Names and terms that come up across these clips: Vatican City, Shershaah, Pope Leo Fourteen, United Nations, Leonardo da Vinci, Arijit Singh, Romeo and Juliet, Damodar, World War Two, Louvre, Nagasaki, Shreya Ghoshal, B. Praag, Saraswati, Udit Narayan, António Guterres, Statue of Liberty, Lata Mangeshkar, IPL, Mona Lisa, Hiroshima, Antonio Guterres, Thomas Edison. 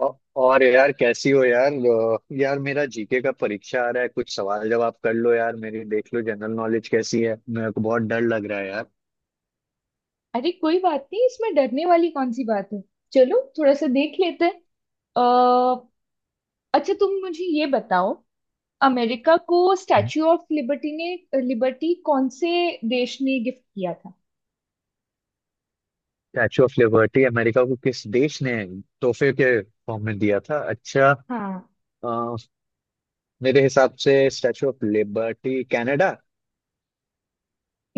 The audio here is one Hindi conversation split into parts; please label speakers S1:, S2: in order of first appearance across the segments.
S1: औ- और यार कैसी हो यार, यार मेरा जीके का परीक्षा आ रहा है, कुछ सवाल जवाब कर लो यार, मेरी देख लो जनरल नॉलेज कैसी है, मेरे को बहुत डर लग रहा है यार।
S2: अरे, कोई बात नहीं, इसमें डरने वाली कौन सी बात है। चलो थोड़ा सा देख लेते हैं। अ, अच्छा, तुम मुझे ये बताओ, अमेरिका को स्टैच्यू ऑफ लिबर्टी ने लिबर्टी कौन से देश ने गिफ्ट किया था।
S1: स्टैचू ऑफ लिबर्टी अमेरिका को किस देश ने तोहफे के फॉर्म में दिया था? अच्छा।
S2: हाँ।
S1: अ, मेरे हिसाब से स्टैचू ऑफ लिबर्टी कनाडा।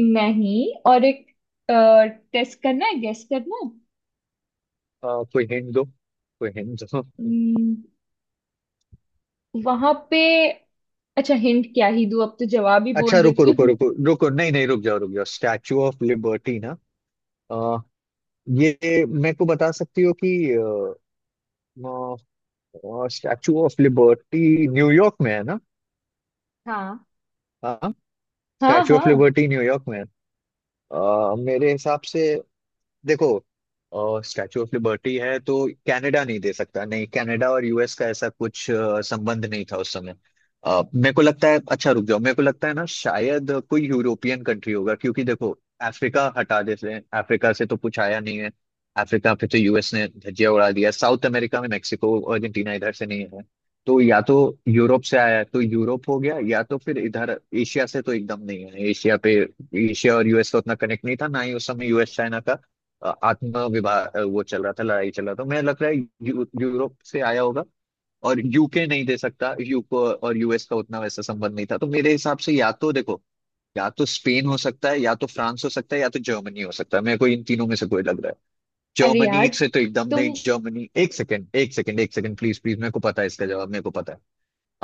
S2: नहीं, और एक टेस्ट करना है, गेस करना है।
S1: कोई हिंट दो, कोई हिंट दो।
S2: हम्म, वहां पे अच्छा, हिंट क्या ही दूँ, अब तो जवाब ही
S1: अच्छा
S2: बोल
S1: रुको
S2: देती
S1: रुको
S2: हूँ।
S1: रुको रुको, नहीं नहीं, रुक जाओ रुक जाओ, स्टैचू ऑफ लिबर्टी ना। अ, ये मेरे को बता सकती हो कि और स्टैचू ऑफ लिबर्टी न्यूयॉर्क में है ना?
S2: हाँ,
S1: हाँ।
S2: हाँ,
S1: स्टैचू ऑफ
S2: हाँ।
S1: लिबर्टी न्यूयॉर्क में है। मेरे हिसाब से, देखो स्टैचू ऑफ लिबर्टी है तो कनाडा नहीं दे सकता, नहीं, कनाडा और यूएस का ऐसा कुछ संबंध नहीं था उस समय। मेरे को लगता है, अच्छा रुक जाओ, मेरे को लगता है ना शायद कोई यूरोपियन कंट्री होगा, क्योंकि देखो अफ्रीका हटा देते हैं, अफ्रीका से तो कुछ आया नहीं है। अफ्रीका पे तो यूएस ने धज्जियां उड़ा दिया, साउथ अमेरिका में मेक्सिको, अर्जेंटीना, इधर से नहीं है। तो या तो यूरोप से आया है, तो यूरोप हो गया, या तो फिर इधर एशिया से, तो एकदम नहीं है एशिया पे। एशिया और यूएस का उतना कनेक्ट नहीं था, ना ही उस समय यूएस चाइना का आत्म विवाह वो चल रहा था, लड़ाई चल रहा था, मैं लग रहा है यूरोप से आया होगा। और यूके नहीं दे सकता, यूको और यूएस का उतना वैसा संबंध नहीं था, तो मेरे हिसाब से या तो देखो, या तो स्पेन हो सकता है, या तो फ्रांस हो सकता है, या तो जर्मनी हो सकता है, मेरे को इन तीनों में से कोई लग रहा है।
S2: अरे यार,
S1: जर्मनी से तो एकदम नहीं,
S2: तुम,
S1: जर्मनी, एक सेकंड एक सेकंड एक सेकंड, प्लीज प्लीज, मेरे को पता है इसका जवाब, मेरे को पता है।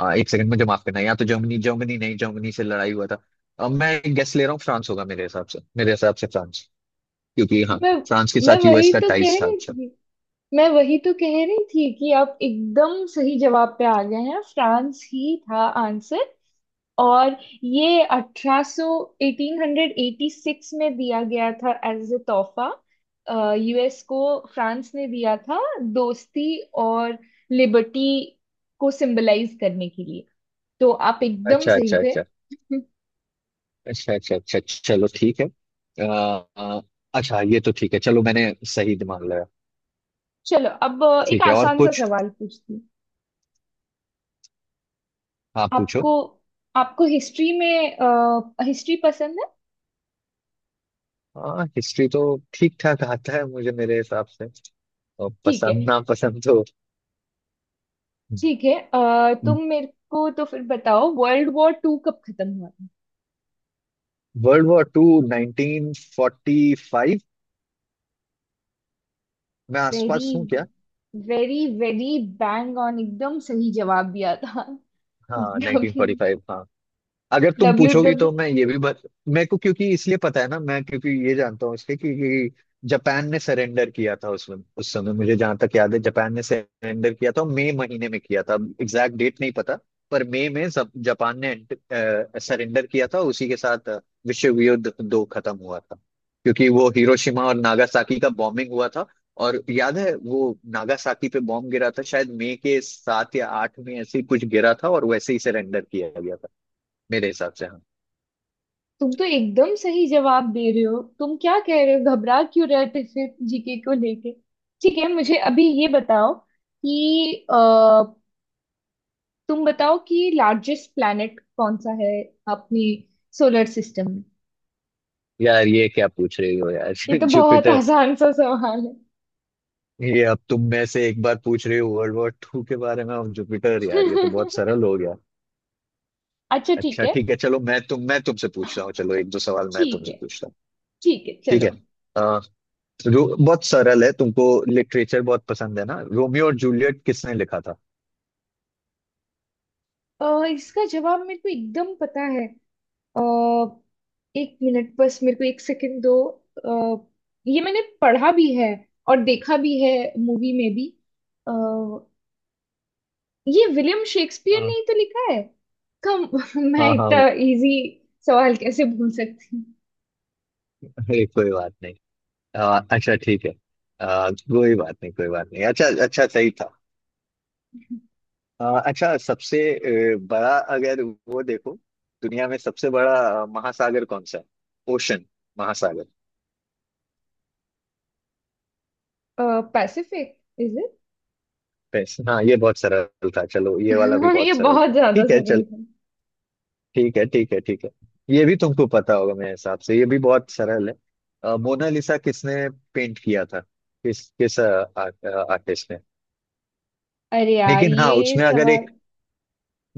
S1: हाँ एक सेकंड, मुझे माफ करना, या तो जर्मनी, जर्मनी नहीं, जर्मनी से लड़ाई हुआ था। अब मैं गेस ले रहा हूँ, फ्रांस होगा मेरे हिसाब से, मेरे हिसाब से फ्रांस, क्योंकि हाँ,
S2: मैं
S1: फ्रांस के
S2: मैं
S1: साथ यूएस
S2: वही
S1: का
S2: तो कह
S1: टाइज था।
S2: रही
S1: अच्छा,
S2: थी। मैं वही तो कह रही थी कि आप एकदम सही जवाब पे आ गए हैं, फ्रांस ही था आंसर। और ये 1886 में दिया गया था एज ए तोहफा यूएस को। फ्रांस ने दिया था, दोस्ती और लिबर्टी को सिंबलाइज करने के लिए। तो आप एकदम
S1: अच्छा
S2: सही
S1: अच्छा
S2: थे।
S1: अच्छा, अच्छा अच्छा अच्छा, चलो ठीक है। आ, आ, अच्छा ये तो ठीक है, चलो मैंने सही मान लिया।
S2: चलो, अब एक
S1: ठीक है, और
S2: आसान सा
S1: कुछ,
S2: सवाल पूछती हूँ।
S1: आप पूछो।
S2: आपको आपको हिस्ट्री पसंद है?
S1: हाँ, हिस्ट्री तो ठीक ठाक आता है मुझे मेरे हिसाब से, और
S2: ठीक है,
S1: पसंद ना पसंद तो।
S2: ठीक है। तुम मेरे को तो फिर बताओ, वर्ल्ड वॉर टू कब खत्म हुआ था।
S1: World war two 1945? मैं
S2: वेरी,
S1: आसपास हूँ क्या?
S2: वेरी वेरी बैंग ऑन, एकदम सही जवाब दिया था।
S1: हाँ
S2: डब्ल्यू,
S1: 1945, हाँ। अगर तुम
S2: डब्ल्यू,
S1: पूछोगी तो मैं ये भी मेरे को क्योंकि इसलिए पता है ना, मैं क्योंकि ये जानता हूँ इसके कि जापान ने सरेंडर किया था उसमें, उस समय मुझे जहां तक याद है जापान ने सरेंडर किया था मई महीने में किया था, अब एग्जैक्ट डेट नहीं पता। पर मई में सब जापान ने सरेंडर किया था, उसी के साथ विश्व युद्ध दो खत्म हुआ था। क्योंकि वो हिरोशिमा और नागासाकी का बॉम्बिंग हुआ था, और याद है वो नागासाकी पे बॉम्ब गिरा था शायद मई के सात या आठ में, ऐसे ही कुछ गिरा था और वैसे ही सरेंडर किया गया था मेरे हिसाब से। हाँ,
S2: तुम तो एकदम सही जवाब दे रहे हो। तुम क्या कह रहे हो, घबरा क्यों रहे थे फिर जीके को लेके। ठीक है, मुझे अभी ये बताओ कि तुम बताओ कि लार्जेस्ट प्लैनेट कौन सा है अपनी सोलर सिस्टम में।
S1: यार ये क्या पूछ रही हो यार,
S2: ये तो बहुत
S1: जुपिटर।
S2: आसान सा सवाल
S1: ये अब तुम में से एक बार पूछ रही हो वर्ल्ड वॉर टू के बारे में और जुपिटर, यार ये तो
S2: है।
S1: बहुत सरल हो गया।
S2: अच्छा, ठीक
S1: अच्छा
S2: है।
S1: ठीक है, चलो मैं तुमसे पूछ रहा हूँ, चलो एक दो सवाल मैं
S2: ठीक
S1: तुमसे
S2: है,
S1: पूछता हूँ।
S2: ठीक है,
S1: ठीक है।
S2: चलो।
S1: आ, बहुत सरल है, तुमको लिटरेचर बहुत पसंद है ना, रोमियो और जूलियट किसने लिखा था?
S2: इसका जवाब मेरे को एकदम पता है। अ, एक मिनट, बस मेरे को एक सेकंड दो। अ, ये मैंने पढ़ा भी है और देखा भी है, मूवी में भी। अ, ये विलियम शेक्सपियर ने
S1: हाँ
S2: ही तो लिखा है। कम, मैं
S1: हाँ हाँ।
S2: इतना इजी सवाल कैसे भूल सकती
S1: अरे कोई बात नहीं। अच्छा ठीक है। कोई बात नहीं, कोई बात नहीं, अच्छा अच्छा, सही था। अच्छा सबसे बड़ा, अगर वो देखो दुनिया में सबसे बड़ा महासागर कौन सा है? ओशन, महासागर।
S2: हूँ। Pacific, is it?
S1: बस, हाँ ये बहुत सरल था, चलो ये वाला भी
S2: ये
S1: बहुत सरल
S2: बहुत
S1: था,
S2: ज्यादा
S1: ठीक है
S2: सरल
S1: चलो।
S2: है।
S1: ठीक है ठीक है ठीक है। ये भी तुमको पता होगा मेरे हिसाब से, ये भी बहुत सरल है। मोनालिसा किसने पेंट किया था, किस किस आर्टिस्ट ने?
S2: अरे यार,
S1: लेकिन हाँ,
S2: ये
S1: उसमें अगर
S2: सवाल।
S1: एक,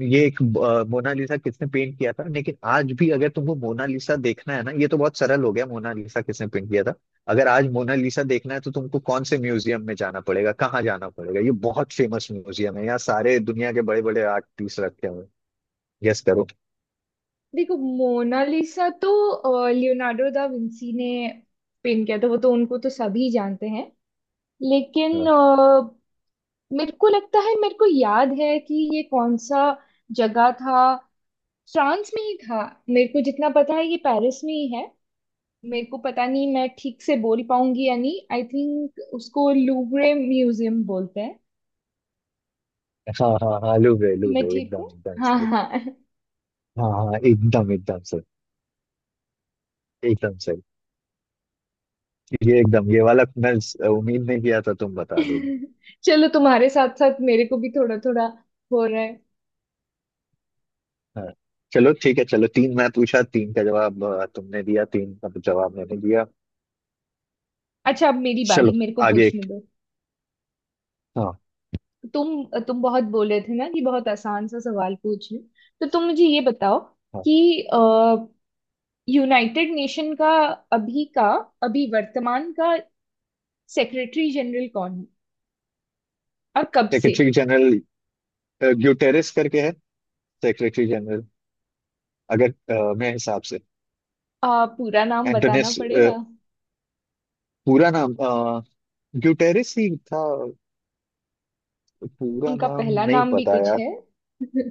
S1: ये एक मोनालिसा किसने पेंट किया था, लेकिन आज भी अगर तुमको मोनालिसा देखना है ना, ये तो बहुत सरल हो गया मोनालिसा किसने पेंट किया था। अगर आज मोनालिसा देखना है तो तुमको कौन से म्यूजियम में जाना पड़ेगा, कहाँ जाना पड़ेगा? ये बहुत फेमस म्यूजियम है, यहाँ सारे दुनिया के बड़े बड़े आर्ट पीस रखे हुए। गेस करो।
S2: देखो, मोनालिसा तो लियोनार्डो दा विंसी ने पेंट किया था, वो तो, उनको तो सभी जानते हैं। लेकिन
S1: हाँ
S2: मेरे को लगता है, मेरे को याद है कि ये कौन सा जगह था। फ्रांस में ही था। मेरे को जितना पता है ये पेरिस में ही है। मेरे को पता नहीं मैं ठीक से बोल पाऊंगी या नहीं, आई थिंक उसको लूवरे म्यूजियम बोलते हैं।
S1: हाँ हाँ हाँ, लूब्रे,
S2: मैं
S1: लूब्रे,
S2: ठीक
S1: एकदम
S2: हूँ?
S1: एकदम
S2: हाँ,
S1: सही।
S2: हाँ।
S1: हाँ हाँ, एकदम एकदम सही, एकदम सही। ये वाला मैं उम्मीद नहीं किया था तुम बता दोगे।
S2: चलो, तुम्हारे साथ साथ मेरे को भी थोड़ा थोड़ा हो रहा है।
S1: हाँ, चलो ठीक है, चलो तीन मैं पूछा, तीन का जवाब तुमने दिया, तीन का जवाब मैंने दिया।
S2: अच्छा, अब मेरी बारी,
S1: चलो
S2: मेरे को
S1: आगे
S2: पूछने
S1: एक।
S2: दो।
S1: हाँ
S2: तुम बहुत बोले थे ना कि बहुत आसान सा सवाल पूछ लूं। तो तुम मुझे ये बताओ
S1: हाँ।
S2: कि यूनाइटेड नेशन का अभी का, अभी वर्तमान का सेक्रेटरी जनरल कौन है, और कब से।
S1: सेक्रेटरी जनरल ग्यूटेरेस करके है, सेक्रेटरी जनरल, अगर मेरे हिसाब से
S2: पूरा नाम बताना
S1: एंटोनेस
S2: पड़ेगा।
S1: पूरा नाम ग्यूटेरेस ही था, पूरा
S2: उनका
S1: नाम
S2: पहला
S1: नहीं
S2: नाम भी
S1: पता
S2: कुछ
S1: यार।
S2: है।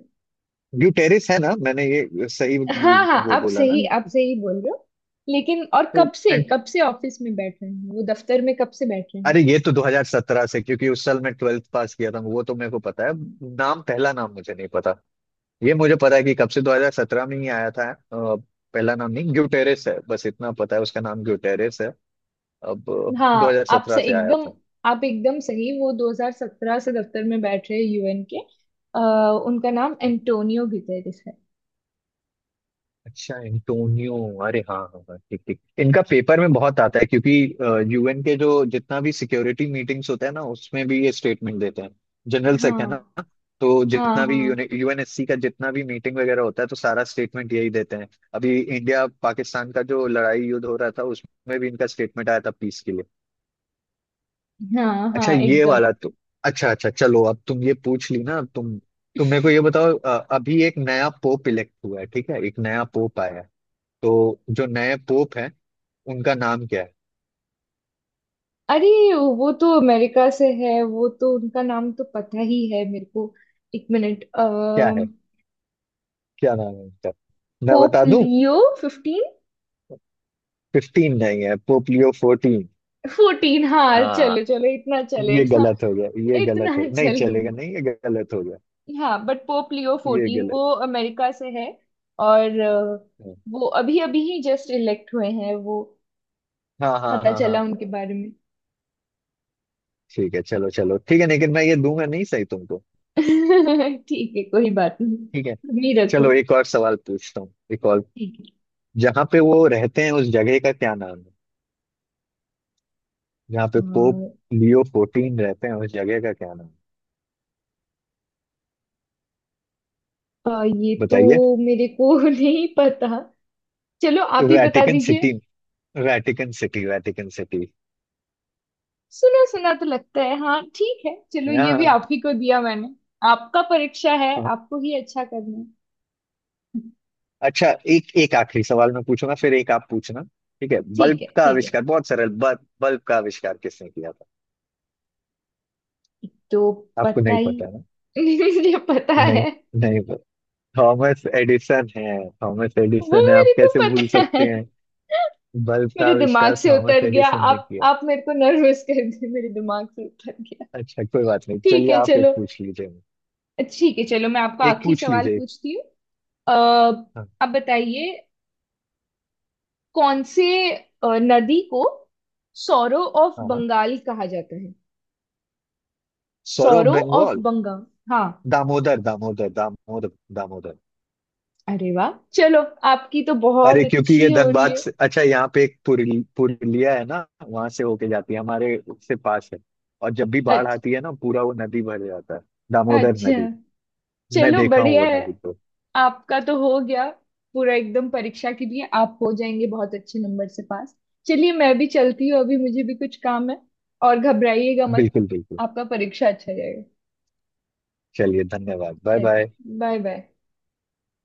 S1: ग्यूटेरेस है ना, मैंने ये सही
S2: हाँ, हाँ,
S1: वो
S2: आप
S1: बोला ना।
S2: सही, आप सही बोल रहे हो। लेकिन और
S1: तो
S2: कब से,
S1: एंड,
S2: कब से ऑफिस में बैठ रहे हैं, वो दफ्तर में कब से बैठ रहे हैं।
S1: अरे ये तो 2017 से, क्योंकि उस साल मैं ट्वेल्थ पास किया था, वो तो मेरे को पता है। नाम, पहला नाम मुझे नहीं पता। ये मुझे पता है कि कब से, 2017 में ही आया था। पहला नाम नहीं, ग्यूटेरेस है, बस इतना पता है, उसका नाम ग्यूटेरेस है। अब
S2: हाँ, आप
S1: 2017
S2: से
S1: से आया
S2: एकदम,
S1: था।
S2: आप एकदम सही, वो 2017 से दफ्तर में बैठ रहे यूएन के। उनका नाम एंटोनियो गुतेरेस है।
S1: अच्छा, एंटोनियो, अरे हाँ हाँ हाँ, ठीक ठीक, इनका पेपर में बहुत आता है, क्योंकि यूएन के जो जितना भी सिक्योरिटी मीटिंग्स होते हैं ना, उसमें भी ये स्टेटमेंट देते हैं, जनरल सेक है
S2: हाँ,
S1: ना। तो
S2: हाँ,
S1: जितना भी
S2: हाँ,
S1: यूएनएससी का जितना भी मीटिंग वगैरह होता है, तो सारा स्टेटमेंट यही देते हैं। अभी इंडिया पाकिस्तान का जो लड़ाई युद्ध हो रहा था, उसमें भी इनका स्टेटमेंट आया था पीस के लिए।
S2: हाँ,
S1: अच्छा
S2: हाँ,
S1: ये
S2: एकदम।
S1: वाला तुम, अच्छा अच्छा, चलो अब तुम ये पूछ ली ना, अब तुम मेरे को ये बताओ, अभी एक नया पोप इलेक्ट हुआ है, ठीक है, एक नया पोप आया है, तो जो नए पोप हैं, उनका नाम क्या है?
S2: अरे, वो तो अमेरिका से है, वो तो उनका नाम तो पता ही है मेरे को। एक मिनट।
S1: क्या
S2: अः
S1: है, क्या नाम है उनका, मैं
S2: पोप
S1: बता दूं?
S2: Leo fifteen.
S1: फिफ्टीन नहीं है, पोप लियो फोर्टीन।
S2: फोर्टीन, हाँ,
S1: आ,
S2: चलो, चलो, इतना
S1: ये
S2: चलेगा।
S1: गलत हो गया, ये
S2: इतना
S1: गलत हो नहीं चलेगा,
S2: चलेगा,
S1: नहीं ये गलत हो गया,
S2: हाँ। बट पोप लियो
S1: ये
S2: फोर्टीन
S1: गलत
S2: वो अमेरिका से है, और
S1: है।
S2: वो अभी अभी ही जस्ट इलेक्ट हुए हैं, वो
S1: हाँ हाँ
S2: पता
S1: हाँ हाँ,
S2: चला उनके बारे में।
S1: ठीक है, चलो चलो ठीक है, लेकिन मैं ये दूंगा नहीं सही तुमको।
S2: ठीक है, कोई बात नहीं,
S1: ठीक है,
S2: तुम ही रखो।
S1: चलो एक और सवाल पूछता हूँ, एक और।
S2: ठीक है।
S1: जहाँ पे वो रहते हैं, उस जगह का क्या नाम है? जहाँ
S2: अ,
S1: पे पोप लियो फोर्टीन रहते हैं, उस जगह का क्या नाम है?
S2: ये तो
S1: बताइए।
S2: मेरे को नहीं पता। चलो आप ही बता
S1: वैटिकन
S2: दीजिए।
S1: City, Vatican city, Vatican city.
S2: सुना सुना तो लगता है, हाँ। ठीक है, चलो, ये भी
S1: हाँ
S2: आप ही को दिया मैंने। आपका परीक्षा है,
S1: हाँ।
S2: आपको ही अच्छा करना है।
S1: अच्छा, एक एक आखिरी सवाल मैं पूछूंगा, फिर एक आप पूछना। ठीक है,
S2: ठीक
S1: बल्ब
S2: है,
S1: का
S2: ठीक है।
S1: आविष्कार, बहुत सरल, बल्ब बल्ब का आविष्कार किसने किया था?
S2: तो
S1: आपको
S2: पता
S1: नहीं
S2: ही,
S1: पता है ना?
S2: मुझे पता
S1: नहीं,
S2: है,
S1: नहीं पता। थॉमस एडिसन है, थॉमस
S2: वो
S1: एडिसन है, आप
S2: मेरे को
S1: कैसे भूल
S2: पता है।
S1: सकते हैं, बल्ब का
S2: मेरे दिमाग
S1: आविष्कार
S2: से
S1: थॉमस
S2: उतर गया,
S1: एडिसन ने
S2: आप
S1: किया।
S2: आप मेरे को नर्वस कर दिए, मेरे दिमाग से उतर गया।
S1: अच्छा कोई बात नहीं,
S2: ठीक
S1: चलिए
S2: है,
S1: आप एक
S2: चलो।
S1: पूछ लीजिए,
S2: ठीक है, चलो, मैं आपको
S1: एक
S2: आखिरी
S1: पूछ
S2: सवाल
S1: लीजिए
S2: पूछती हूँ। अः
S1: हाँ
S2: अब बताइए, कौन से अ, नदी को सौरो ऑफ
S1: हाँ हाँ।
S2: बंगाल कहा जाता है।
S1: Sorrow
S2: sorrow of
S1: Bengal,
S2: Bengal. हाँ।
S1: दामोदर दामोदर दामोदर, दामोदर।
S2: अरे वाह, चलो, आपकी तो बहुत
S1: अरे क्योंकि
S2: अच्छी
S1: ये
S2: हो रही
S1: धनबाद
S2: है।
S1: से, अच्छा यहाँ पे एक पुरुलिया है ना, वहां से होके जाती है, हमारे से पास है। और जब भी बाढ़
S2: अच्छा,
S1: आती है ना, पूरा वो नदी भर जाता है, दामोदर
S2: अच्छा,
S1: नदी। मैं
S2: चलो,
S1: देखा हूँ
S2: बढ़िया
S1: वो
S2: है।
S1: नदी को।
S2: आपका तो हो गया पूरा एकदम। परीक्षा के लिए आप हो जाएंगे बहुत अच्छे नंबर से पास। चलिए, मैं भी चलती हूँ, अभी मुझे भी कुछ काम है। और घबराइएगा मत,
S1: बिल्कुल बिल्कुल।
S2: आपका परीक्षा अच्छा जाएगा।
S1: चलिए धन्यवाद, बाय बाय।
S2: चलिए, बाय बाय।